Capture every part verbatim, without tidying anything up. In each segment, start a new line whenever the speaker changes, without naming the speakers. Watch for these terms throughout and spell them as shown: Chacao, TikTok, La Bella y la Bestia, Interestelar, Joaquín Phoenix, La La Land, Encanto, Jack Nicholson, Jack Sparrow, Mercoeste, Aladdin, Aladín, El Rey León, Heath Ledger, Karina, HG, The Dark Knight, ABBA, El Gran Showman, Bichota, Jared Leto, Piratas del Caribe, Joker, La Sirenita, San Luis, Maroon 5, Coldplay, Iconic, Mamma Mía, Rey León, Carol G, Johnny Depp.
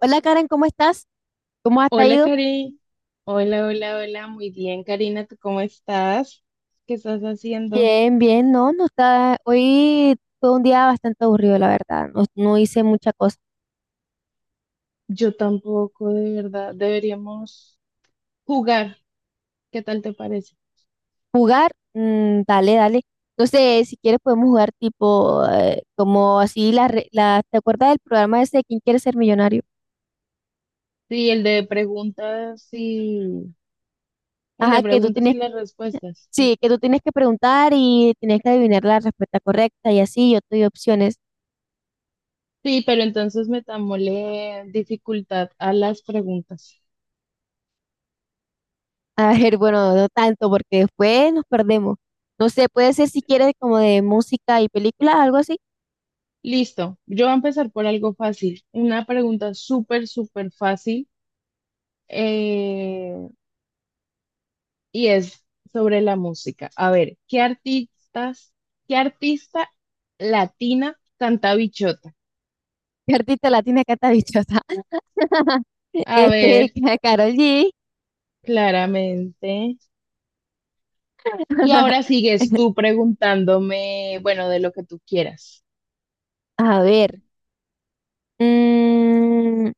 Hola Karen, ¿cómo estás? ¿Cómo has
Hola,
ido?
Karina. Hola, hola, hola. Muy bien, Karina. ¿Tú cómo estás? ¿Qué estás haciendo?
Bien, bien, no, no está. Hoy fue un día bastante aburrido, la verdad. No, no hice mucha cosa.
Yo tampoco, de verdad. Deberíamos jugar. ¿Qué tal te parece?
Jugar, mm, dale, dale. No sé, si quieres podemos jugar tipo, eh, como así, la, re- la, ¿te acuerdas del programa ese de ¿Quién quiere ser millonario?
Sí, el de preguntas y el de
Ajá, que tú
preguntas
tienes,
y las respuestas. Sí,
sí, que tú tienes que preguntar y tienes que adivinar la respuesta correcta y así, yo te doy opciones.
sí, pero entonces metámosle dificultad a las preguntas.
A ver, bueno, no tanto porque después nos perdemos. No sé, puede ser si quieres como de música y película, algo así.
Listo. Yo voy a empezar por algo fácil. Una pregunta súper, súper fácil. Eh, y es sobre la música. A ver, ¿qué artistas, qué artista latina canta Bichota?
Cartita latina que está dichosa.
A
Este,
ver,
Carol G.
claramente. Y ahora sigues tú preguntándome, bueno, de lo que tú quieras.
A ver. mm,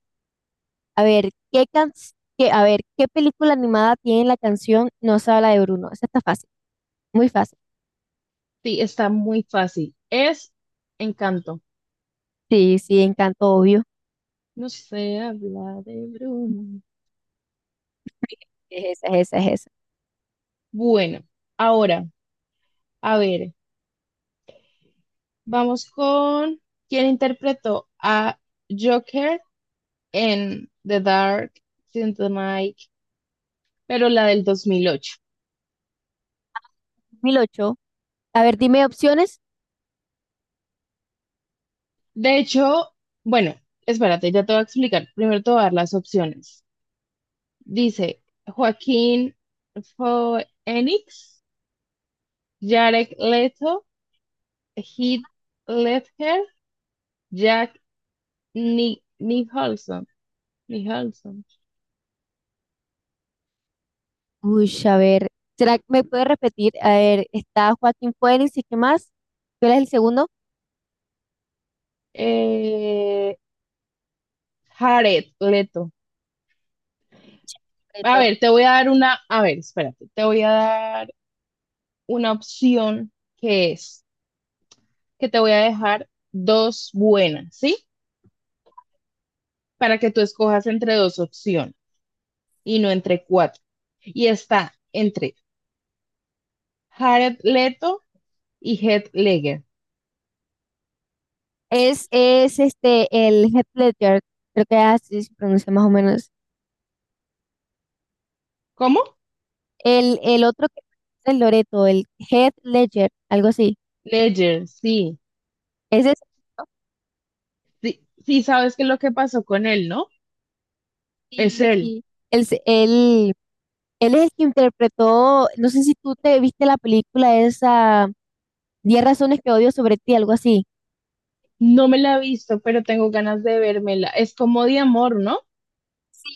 a ver, ¿qué can- qué- a ver, ¿qué película animada tiene la canción No se habla de Bruno? Esa está fácil, muy fácil.
Sí, está muy fácil. Es Encanto.
Sí, sí, Encanto, obvio.
No se habla de Bruno.
Es esa, es esa, es esa.
Bueno, ahora, a ver, vamos con quién interpretó a Joker en The Dark Knight pero la del dos mil ocho.
dos mil ocho. A ver, dime opciones.
De hecho, bueno, espérate, ya te voy a explicar. Primero te voy a dar las opciones. Dice Joaquín Phoenix, Jared Leto, Heath Ledger, Jack Ni Nicholson, Nicholson,
Uy, a ver. ¿Será que me puede repetir? A ver, está Joaquín Phoenix, ¿y qué más? ¿Cuál es el segundo?
eh, Jared Leto. A
Champito.
ver, te voy a dar una, a ver, espérate, te voy a dar una opción que es, que te voy a dejar dos buenas, ¿sí? para que tú escojas entre dos opciones y no entre cuatro. Y está entre Jared Leto y Heath Ledger.
Es, es este, el Heath Ledger, creo que así se pronuncia más o menos.
¿Cómo?
El, el otro que es el Loreto, el Heath Ledger, algo así.
Ledger, sí.
Ese es,
Sí, sí sabes qué es lo que pasó con él, ¿no? Es
sí,
él.
sí. Él, se- él, él es el que interpretó, no sé si tú te viste la película esa, diez razones que odio sobre ti, algo así.
No me la he visto, pero tengo ganas de vérmela. Es como de amor, ¿no?
Sí.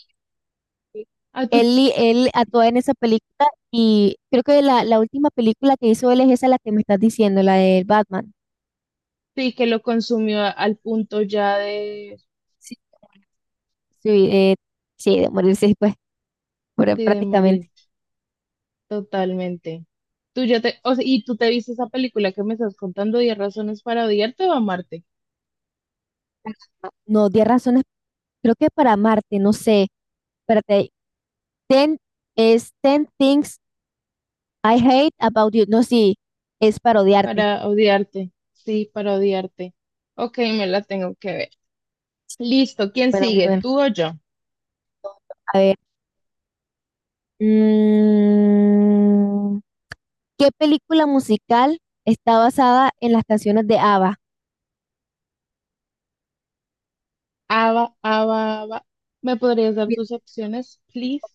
A
Él,
tu,
y- él actúa en esa película y creo que la, la última película que hizo él es esa la que me estás diciendo, la de Batman.
sí, que lo consumió a- al punto ya de,
Sí, sí, eh, sí, de morirse. Pero
sí, de morir
prácticamente.
totalmente. Tú ya te, o sea, y tú te viste esa película que me estás contando, diez razones para odiarte o amarte.
No, diez razones, creo que para amarte, no sé. Espérate, diez es ten things I hate about you. No, sí, es para odiarte.
Para odiarte. Sí, para odiarte. Ok, me la tengo que ver. Listo, ¿quién
Bueno, muy
sigue?
bueno.
¿Tú o yo?
A ver. mm, ¿qué película musical está basada en las canciones de A B B A?
Ava, Ava, Ava. ¿Me podrías dar
Bien.
tus opciones, please?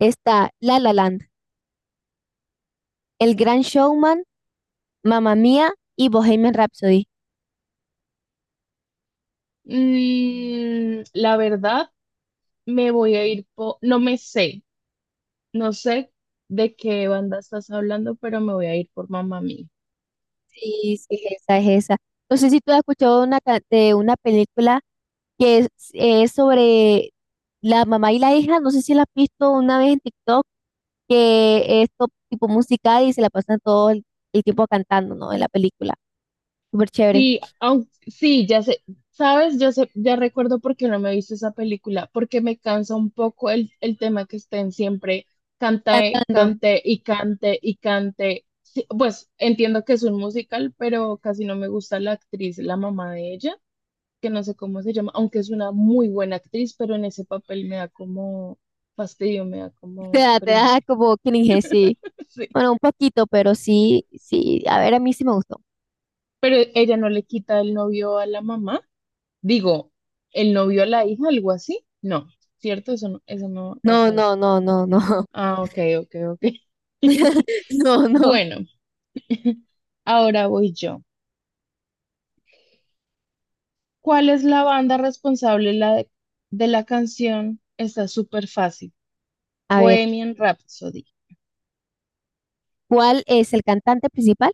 Está La La Land, El Gran Showman, Mamma Mía y Bohemian Rhapsody.
Mm, la verdad, me voy a ir por. No me sé. No sé de qué banda estás hablando, pero me voy a ir por Mamma Mía.
Sí, sí, esa es esa. No sé si tú has escuchado una ca- de una película que es, es sobre la mamá y la hija, no sé si la has visto una vez en TikTok, que es to- tipo musical y se la pasan todo el, el tiempo cantando, ¿no? En la película. Súper chévere.
Sí, aun- sí, ya sé, sabes, yo sé, ya recuerdo por qué no me he visto esa película, porque me cansa un poco el, el tema que estén siempre cante,
Cantando.
cante y cante y cante. Sí, pues entiendo que es un musical, pero casi no me gusta la actriz, la mamá de ella, que no sé cómo se llama, aunque es una muy buena actriz, pero en ese papel me da como fastidio, me da
Te
como
da, te
cringe.
da como cringe, sí.
Sí.
Bueno, un poquito, pero sí, sí. A ver, a mí sí me gustó.
Pero ella no le quita el novio a la mamá. Digo, ¿el novio a la hija, algo así? No, ¿cierto? Eso no, eso no
No,
pasa ahí.
no, no, no, no.
Ah, ok, ok, ok.
No, no.
Bueno, ahora voy yo. ¿Cuál es la banda responsable la de, de la canción? Está súper fácil.
A ver,
Bohemian Rhapsody.
¿cuál es el cantante principal?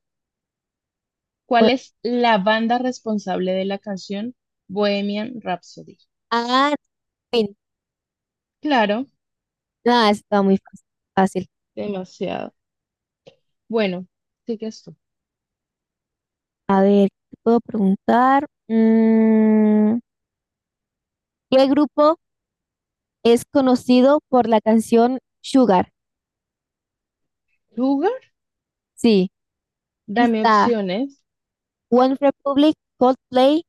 O-
¿Cuál es la banda responsable de la canción Bohemian Rhapsody?
ah, Queen.
Claro,
Ah, está muy fácil. Fácil.
demasiado. Bueno, sigues tú.
A ver, ¿qué puedo preguntar? Mm, ¿qué grupo es conocido por la canción Sugar?
Sugar,
Sí,
dame
está
opciones.
One Republic, Coldplay,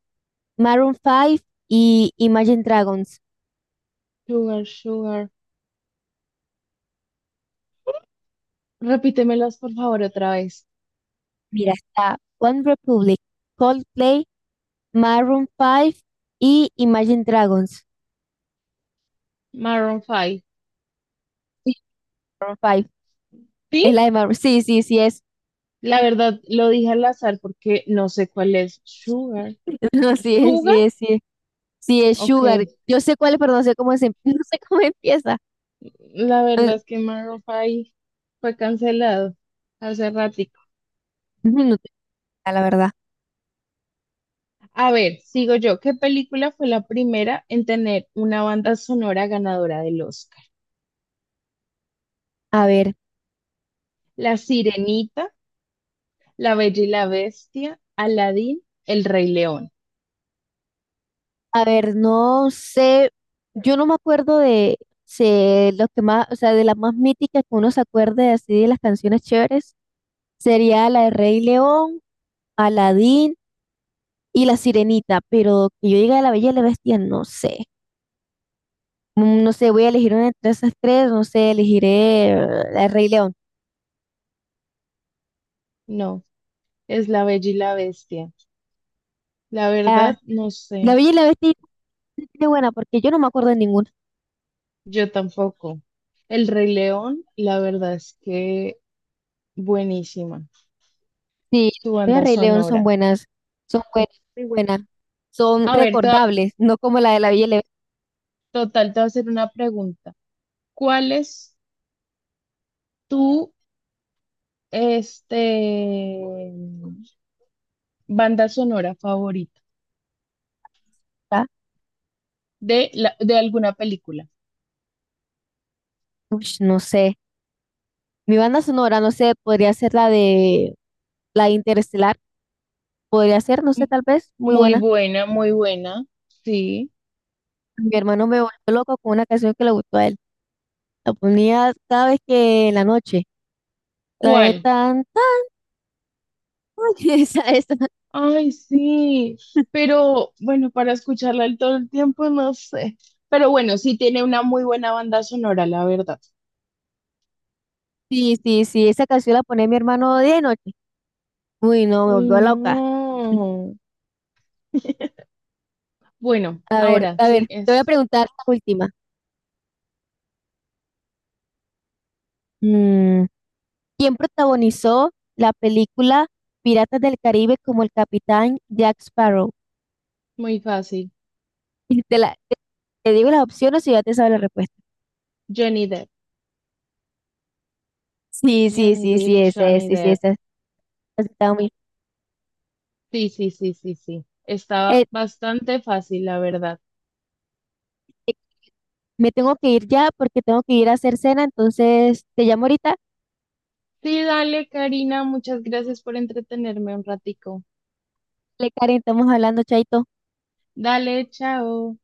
Maroon cinco y Imagine Dragons.
Sugar, sugar. Repítemelas, por favor, otra vez.
Mira, está One Republic, Coldplay, Maroon cinco y Imagine Dragons.
Maroon cinco.
Sí, Maroon cinco.
Sí,
Es la de Maroon. Sí, sí, sí es.
la verdad lo dije al azar porque no sé cuál es. Sugar.
No, sí es,
Sugar.
sí es, sí es. Sí es
Ok.
Sugar. Yo sé cuál es, pero no sé cómo se, no sé cómo empieza.
La
No,
verdad es que Maroon cinco fue cancelado hace ratico.
no no tengo idea, la verdad.
A ver, sigo yo. ¿Qué película fue la primera en tener una banda sonora ganadora del Oscar?
A ver.
La Sirenita, La Bella y la Bestia, Aladdin, El Rey León.
A ver, no sé, yo no me acuerdo de si los que más, o sea, de las más míticas que uno se acuerde así de las canciones chéveres, sería la de Rey León, Aladín y La Sirenita, pero que yo diga de La Bella y la Bestia, no sé. Mm, no sé, voy a elegir una entre esas tres, no sé, elegiré eh, la de Rey León.
No, es La Bella y la Bestia. La
Ah,
verdad, no
La
sé.
Bella y la Bestia es buena porque yo no me acuerdo de ninguna.
Yo tampoco. El Rey León, la verdad es que buenísima.
Sí,
Tu
la de
banda
Rey León son
sonora.
buenas, son buenas, muy buenas, son
A ver, te va-
recordables, no como la de La Bella y la
total, te voy a hacer una pregunta. ¿Cuál es tu este, banda sonora favorita
Bestia.
de, la- de alguna película?
Ush, no sé. Mi banda sonora, no sé, podría ser la de la de Interestelar. Podría ser, no sé,
M-
tal vez, muy
Muy
buena.
buena, muy buena. Sí.
Mi hermano me volvió loco con una canción que le gustó a él. La ponía cada vez que en la noche. La de
¿Cuál?
tan, tan, esa, esa.
Ay, sí. Pero bueno, para escucharla el todo el tiempo, no sé. Pero bueno, sí tiene una muy buena banda sonora, la verdad.
Sí, sí, sí, esa canción la pone mi hermano de noche. Uy, no, me
Uy,
volvió loca.
no. Bueno,
A ver,
ahora
a
sí
ver, te voy a
es
preguntar la última. Mm, ¿quién protagonizó la película Piratas del Caribe como el capitán Jack Sparrow?
muy fácil.
Te la, te digo las opciones y ya te sabes la respuesta.
Johnny Depp,
Sí, sí,
Johnny
sí,
Depp,
sí, ese, es,
Johnny
sí, sí,
Depp.
ese, es. Está muy-
Sí, sí, sí, sí, sí. Está
Eh,
bastante fácil, la verdad.
eh, me tengo que ir ya porque tengo que ir a hacer cena, entonces te llamo ahorita.
Sí, dale, Karina, muchas gracias por entretenerme un ratico.
Le Karen, estamos hablando, chaito.
Dale, chao.